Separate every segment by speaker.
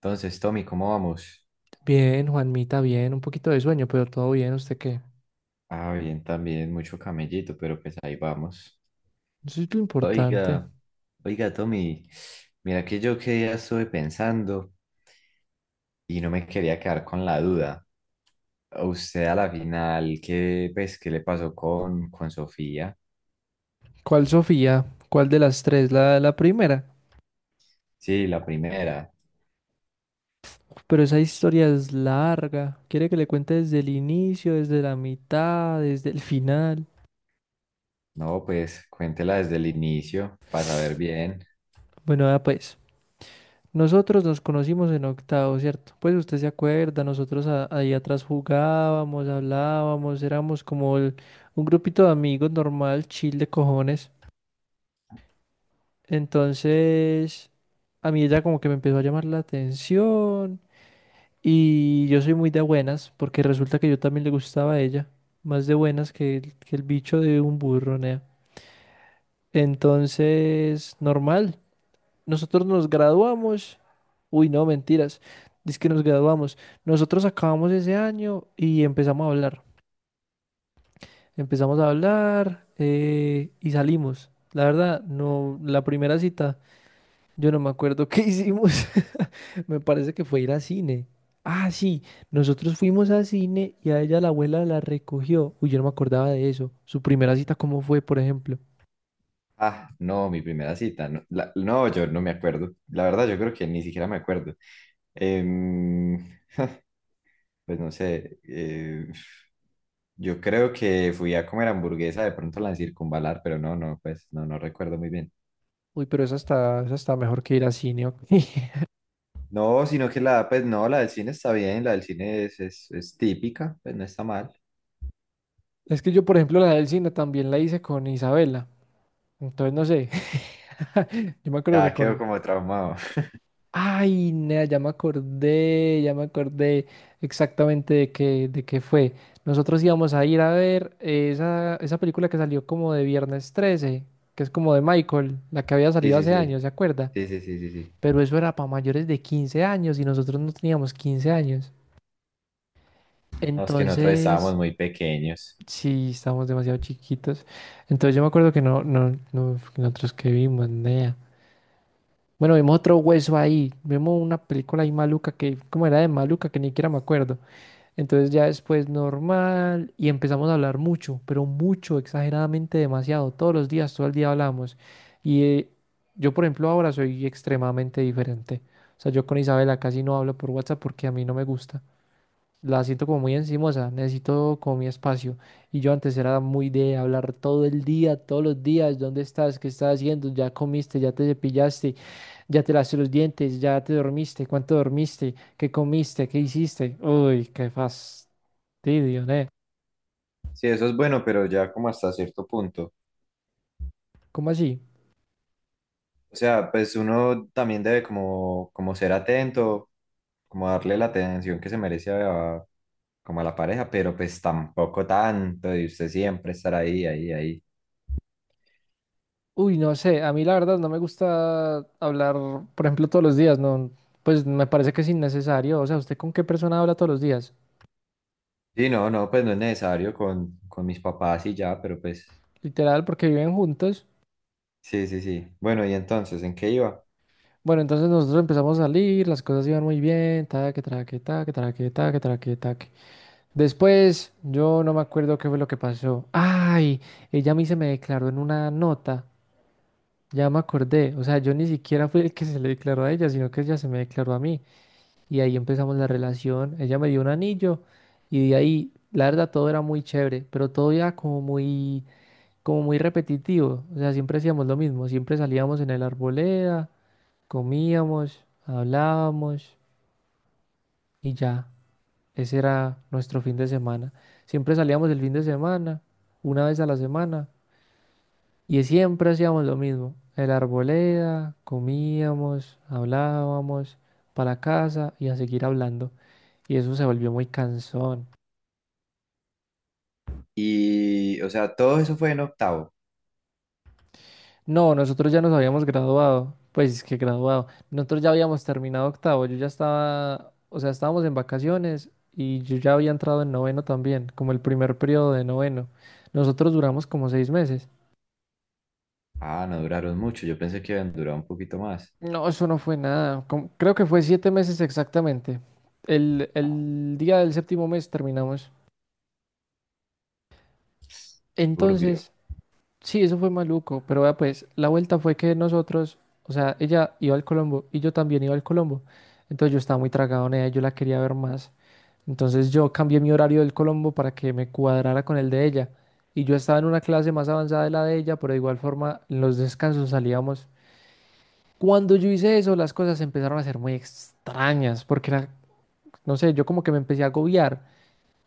Speaker 1: Entonces, Tommy, ¿cómo vamos?
Speaker 2: Bien, Juanmita, bien, un poquito de sueño, pero todo bien, ¿usted qué?
Speaker 1: Ah, bien, también, mucho camellito, pero pues ahí vamos.
Speaker 2: Eso es lo importante.
Speaker 1: Oiga, oiga, Tommy, mira que yo que ya estuve pensando y no me quería quedar con la duda. ¿A usted a la final, qué, pues, qué le pasó con Sofía?
Speaker 2: ¿Cuál Sofía? ¿Cuál de las tres? La primera.
Speaker 1: Sí, la primera.
Speaker 2: Uf, pero esa historia es larga. ¿Quiere que le cuente desde el inicio, desde la mitad, desde el final?
Speaker 1: No, pues cuéntela desde el inicio para saber bien.
Speaker 2: Bueno, vea pues, nosotros nos conocimos en octavo, ¿cierto? Pues usted se acuerda, nosotros ahí atrás jugábamos, hablábamos, éramos como un grupito de amigos normal, chill de cojones. Entonces, a mí ella como que me empezó a llamar la atención y yo soy muy de buenas porque resulta que yo también le gustaba a ella, más de buenas que el bicho de un burro, nea. Entonces, normal, nosotros nos graduamos, uy, no, mentiras, es que nos graduamos, nosotros acabamos ese año y empezamos a hablar y salimos. La verdad, no, la primera cita. Yo no me acuerdo qué hicimos. Me parece que fue ir a cine. Ah, sí, nosotros fuimos a cine y a ella la abuela la recogió. Uy, yo no me acordaba de eso. Su primera cita, ¿cómo fue, por ejemplo?
Speaker 1: Ah, no, mi primera cita. No, no, yo no me acuerdo. La verdad, yo creo que ni siquiera me acuerdo. Em, Pues no sé, yo creo que fui a comer hamburguesa de pronto la circunvalar, pero pues no recuerdo muy bien.
Speaker 2: Uy, pero esa está mejor que ir a cine. Ok.
Speaker 1: No, sino que la, pues no, la del cine está bien, la del cine es típica, pues no está mal.
Speaker 2: Es que yo, por ejemplo, la del cine también la hice con Isabela. Entonces, no sé. Yo me acuerdo
Speaker 1: Ya
Speaker 2: que
Speaker 1: quedó
Speaker 2: con...
Speaker 1: como traumado.
Speaker 2: Ay, nea, ya me acordé exactamente de qué fue. Nosotros íbamos a ir a ver esa, esa película que salió como de Viernes 13, que es como de Michael, la que había
Speaker 1: Sí,
Speaker 2: salido
Speaker 1: sí,
Speaker 2: hace
Speaker 1: sí,
Speaker 2: años, ¿se acuerda?
Speaker 1: sí, sí, sí, sí, sí.
Speaker 2: Pero eso era para mayores de 15 años y nosotros no teníamos 15 años.
Speaker 1: No, es que nosotros
Speaker 2: Entonces,
Speaker 1: estábamos muy pequeños.
Speaker 2: sí, estábamos demasiado chiquitos. Entonces yo me acuerdo que no, nosotros que vimos, nea. Bueno, vimos otro hueso ahí, vimos una película ahí maluca que, como era de maluca, que ni siquiera me acuerdo. Entonces ya después normal y empezamos a hablar mucho, pero mucho, exageradamente demasiado, todos los días, todo el día hablamos. Y yo, por ejemplo, ahora soy extremadamente diferente. O sea, yo con Isabela casi no hablo por WhatsApp porque a mí no me gusta. La siento como muy encimosa, necesito como mi espacio. Y yo antes era muy de hablar todo el día, todos los días, ¿dónde estás? ¿Qué estás haciendo? ¿Ya comiste? ¿Ya te cepillaste? Ya te lavaste los dientes, ya te dormiste, cuánto dormiste, qué comiste, qué hiciste. Uy, qué fastidio, ¿eh?
Speaker 1: Sí, eso es bueno, pero ya como hasta cierto punto.
Speaker 2: ¿Cómo así?
Speaker 1: O sea, pues uno también debe como ser atento, como darle la atención que se merece a, como a la pareja, pero pues tampoco tanto, y usted siempre estar ahí.
Speaker 2: Uy, no sé, a mí la verdad no me gusta hablar, por ejemplo, todos los días, no, pues me parece que es innecesario. O sea, ¿usted con qué persona habla todos los días?
Speaker 1: Sí, no, no, pues no es necesario con mis papás y ya, pero pues
Speaker 2: Literal, porque viven juntos.
Speaker 1: sí, sí, sí. Bueno, y entonces, ¿en qué iba?
Speaker 2: Bueno, entonces nosotros empezamos a salir, las cosas iban muy bien, taque, traque, taque, traque, taque, traque, taque. Después, yo no me acuerdo qué fue lo que pasó. Ay, ella a mí se me declaró en una nota. Ya me acordé, o sea, yo ni siquiera fui el que se le declaró a ella, sino que ella se me declaró a mí. Y ahí empezamos la relación, ella me dio un anillo y de ahí, la verdad, todo era muy chévere, pero todo era como muy repetitivo. O sea, siempre hacíamos lo mismo, siempre salíamos en el arboleda, comíamos, hablábamos y ya, ese era nuestro fin de semana. Siempre salíamos el fin de semana, una vez a la semana, y siempre hacíamos lo mismo. El arboleda, comíamos, hablábamos, para la casa y a seguir hablando. Y eso se volvió muy cansón.
Speaker 1: Y, o sea, todo eso fue en octavo.
Speaker 2: No, nosotros ya nos habíamos graduado. Pues es que graduado. Nosotros ya habíamos terminado octavo. Yo ya estaba, o sea, estábamos en vacaciones y yo ya había entrado en noveno también, como el primer periodo de noveno. Nosotros duramos como 6 meses.
Speaker 1: Ah, no duraron mucho, yo pensé que iban a durar un poquito más.
Speaker 2: No, eso no fue nada. Creo que fue 7 meses exactamente. El,
Speaker 1: Ah,
Speaker 2: el día del séptimo mes terminamos.
Speaker 1: turbio,
Speaker 2: Entonces, sí, eso fue maluco, pero vea pues, la vuelta fue que nosotros, o sea, ella iba al Colombo y yo también iba al Colombo. Entonces yo estaba muy tragado en ella, yo la quería ver más. Entonces yo cambié mi horario del Colombo para que me cuadrara con el de ella. Y yo estaba en una clase más avanzada de la de ella, pero de igual forma en los descansos salíamos. Cuando yo hice eso, las cosas empezaron a ser muy extrañas, porque era, no sé, yo como que me empecé a agobiar.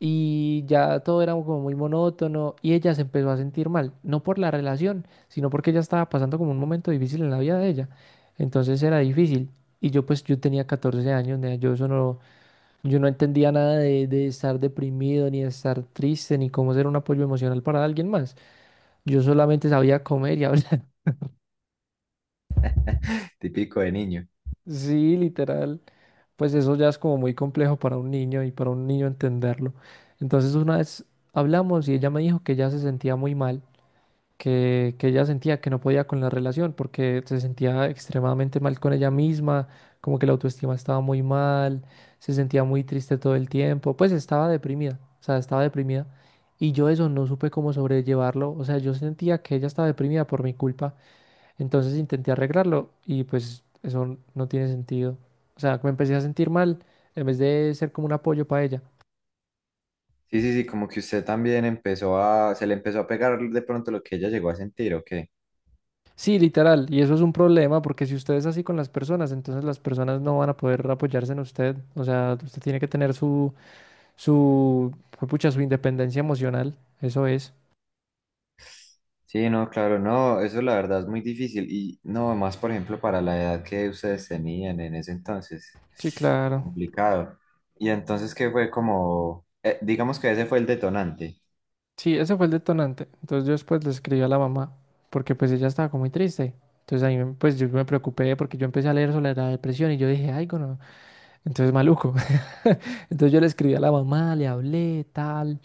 Speaker 2: Y ya todo era como muy monótono y ella se empezó a sentir mal, no por la relación, sino porque ella estaba pasando como un momento difícil en la vida de ella. Entonces era difícil. Y yo pues yo tenía 14 años, nea, yo eso no, yo no entendía nada de estar deprimido, ni de estar triste, ni cómo ser un apoyo emocional para alguien más. Yo solamente sabía comer y hablar.
Speaker 1: típico de niño.
Speaker 2: Sí, literal. Pues eso ya es como muy complejo para un niño y para un niño entenderlo. Entonces una vez hablamos y ella me dijo que ella se sentía muy mal que ella sentía que no podía con la relación porque se sentía extremadamente mal con ella misma, como que la autoestima estaba muy mal, se sentía muy triste todo el tiempo, pues estaba deprimida, o sea, estaba deprimida. Y yo eso no supe cómo sobrellevarlo, o sea, yo sentía que ella estaba deprimida por mi culpa, entonces intenté arreglarlo y pues eso no tiene sentido. O sea, me empecé a sentir mal en vez de ser como un apoyo para ella.
Speaker 1: Sí, sí, sí, como que usted también empezó a, se le empezó a pegar de pronto lo que ella llegó a sentir, ¿o qué?
Speaker 2: Sí, literal. Y eso es un problema porque si usted es así con las personas, entonces las personas no van a poder apoyarse en usted. O sea, usted tiene que tener su, su, pucha, su independencia emocional. Eso es.
Speaker 1: Sí, no, claro, no, eso la verdad es muy difícil y no, más por ejemplo para la edad que ustedes tenían en ese entonces,
Speaker 2: Sí, claro.
Speaker 1: complicado. Y entonces, ¿qué fue como, digamos que ese fue el detonante,
Speaker 2: Sí, ese fue el detonante. Entonces yo después le escribí a la mamá porque pues ella estaba como muy triste. Entonces pues yo me preocupé porque yo empecé a leer sobre la depresión y yo dije, ay, no. Entonces maluco. Entonces yo le escribí a la mamá, le hablé, tal.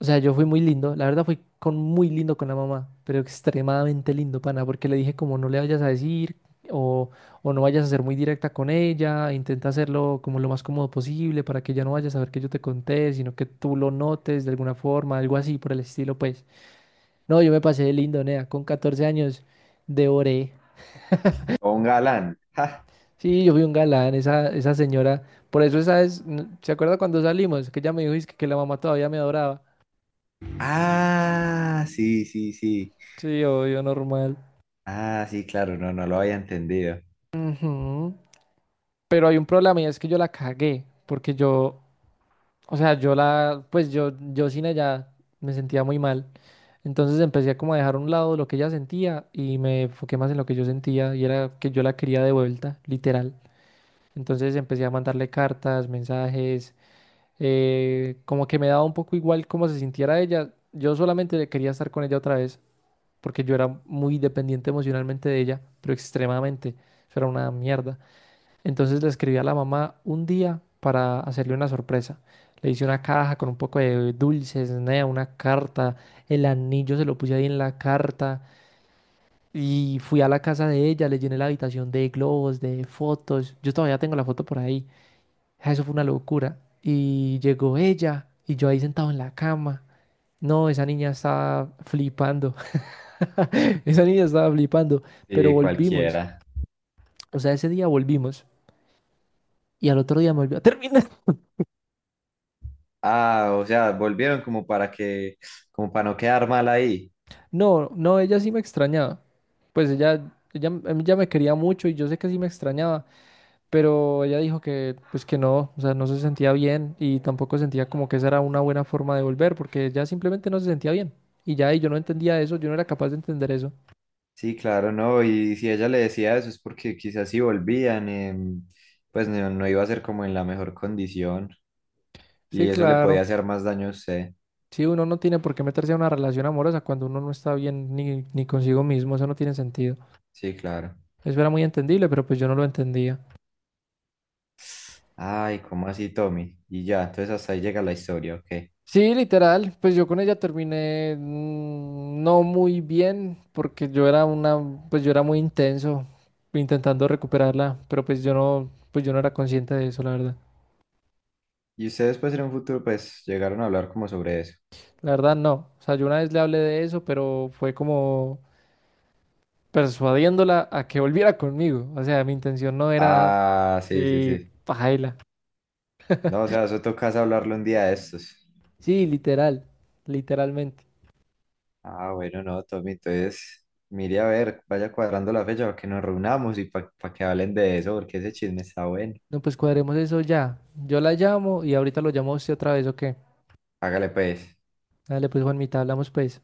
Speaker 2: O sea, yo fui muy lindo, la verdad fui con muy lindo con la mamá, pero extremadamente lindo, pana, porque le dije como no le vayas a decir o, o no vayas a ser muy directa con ella, intenta hacerlo como lo más cómodo posible para que ella no vaya a saber que yo te conté, sino que tú lo notes de alguna forma, algo así por el estilo, pues. No, yo me pasé de lindo, nea, con 14 años devoré.
Speaker 1: o un galán? ¡Ja!
Speaker 2: Sí, yo fui un galán, esa señora, por eso esa es, ¿se acuerda cuando salimos? Que ella me dijo "Es que la mamá todavía me adoraba".
Speaker 1: Ah, sí, sí, sí,
Speaker 2: Sí, obvio, normal.
Speaker 1: ah, sí, claro, no, no lo había entendido.
Speaker 2: Ujú. Pero hay un problema y es que yo la cagué, porque yo, o sea, yo la, pues yo sin ella me sentía muy mal. Entonces empecé como a dejar a un lado lo que ella sentía y me enfoqué más en lo que yo sentía y era que yo la quería de vuelta, literal. Entonces empecé a mandarle cartas, mensajes, como que me daba un poco igual cómo se sintiera ella. Yo solamente quería estar con ella otra vez, porque yo era muy dependiente emocionalmente de ella, pero extremadamente. Eso era una mierda. Entonces le escribí a la mamá un día para hacerle una sorpresa. Le hice una caja con un poco de dulces, nea, una carta, el anillo se lo puse ahí en la carta y fui a la casa de ella, le llené la habitación de globos, de fotos. Yo todavía tengo la foto por ahí. Ah, eso fue una locura. Y llegó ella y yo ahí sentado en la cama. No, esa niña estaba flipando. Esa niña estaba flipando, pero
Speaker 1: Sí,
Speaker 2: volvimos.
Speaker 1: cualquiera.
Speaker 2: O sea, ese día volvimos y al otro día me volvió a terminar.
Speaker 1: Ah, o sea, volvieron como para que, como para no quedar mal ahí.
Speaker 2: No, ella sí me extrañaba. Pues ella me quería mucho y yo sé que sí me extrañaba, pero ella dijo que, pues que no, o sea, no se sentía bien y tampoco sentía como que esa era una buena forma de volver, porque ella simplemente no se sentía bien. Y ya, y yo no entendía eso, yo no era capaz de entender eso.
Speaker 1: Sí, claro, no, y si ella le decía eso es porque quizás si volvían, em, pues no iba a ser como en la mejor condición
Speaker 2: Sí,
Speaker 1: y eso le podía
Speaker 2: claro.
Speaker 1: hacer más daño a usted.
Speaker 2: Sí, uno no tiene por qué meterse a una relación amorosa cuando uno no está bien ni consigo mismo, eso no tiene sentido.
Speaker 1: Sí, claro.
Speaker 2: Eso era muy entendible, pero pues yo no lo entendía.
Speaker 1: Ay, ¿cómo así, Tommy? Y ya, entonces hasta ahí llega la historia, ok.
Speaker 2: Sí, literal, pues yo con ella terminé no muy bien porque yo era una, pues yo era muy intenso intentando recuperarla, pero pues yo no era consciente de eso, la verdad.
Speaker 1: Y ustedes pues en un futuro pues llegaron a hablar como sobre eso.
Speaker 2: La verdad no, o sea, yo una vez le hablé de eso, pero fue como persuadiéndola a que volviera conmigo, o sea, mi intención no era,
Speaker 1: Ah, sí, sí,
Speaker 2: sí,
Speaker 1: sí.
Speaker 2: pajaila.
Speaker 1: No, o sea, eso tocas hablarlo un día de estos.
Speaker 2: Sí, literal, literalmente.
Speaker 1: Ah, bueno, no, Tommy, entonces mire a ver, vaya cuadrando la fecha para que nos reunamos y para que hablen de eso, porque ese chisme está bueno.
Speaker 2: No, pues cuadremos eso ya. Yo la llamo y ahorita lo llamo a usted otra vez, ¿o qué?
Speaker 1: Hágale pues,
Speaker 2: Dale, pues Juanmita, hablamos pues.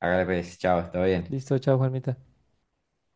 Speaker 1: hágale pues, chao, está bien.
Speaker 2: Listo, chao, Juanmita.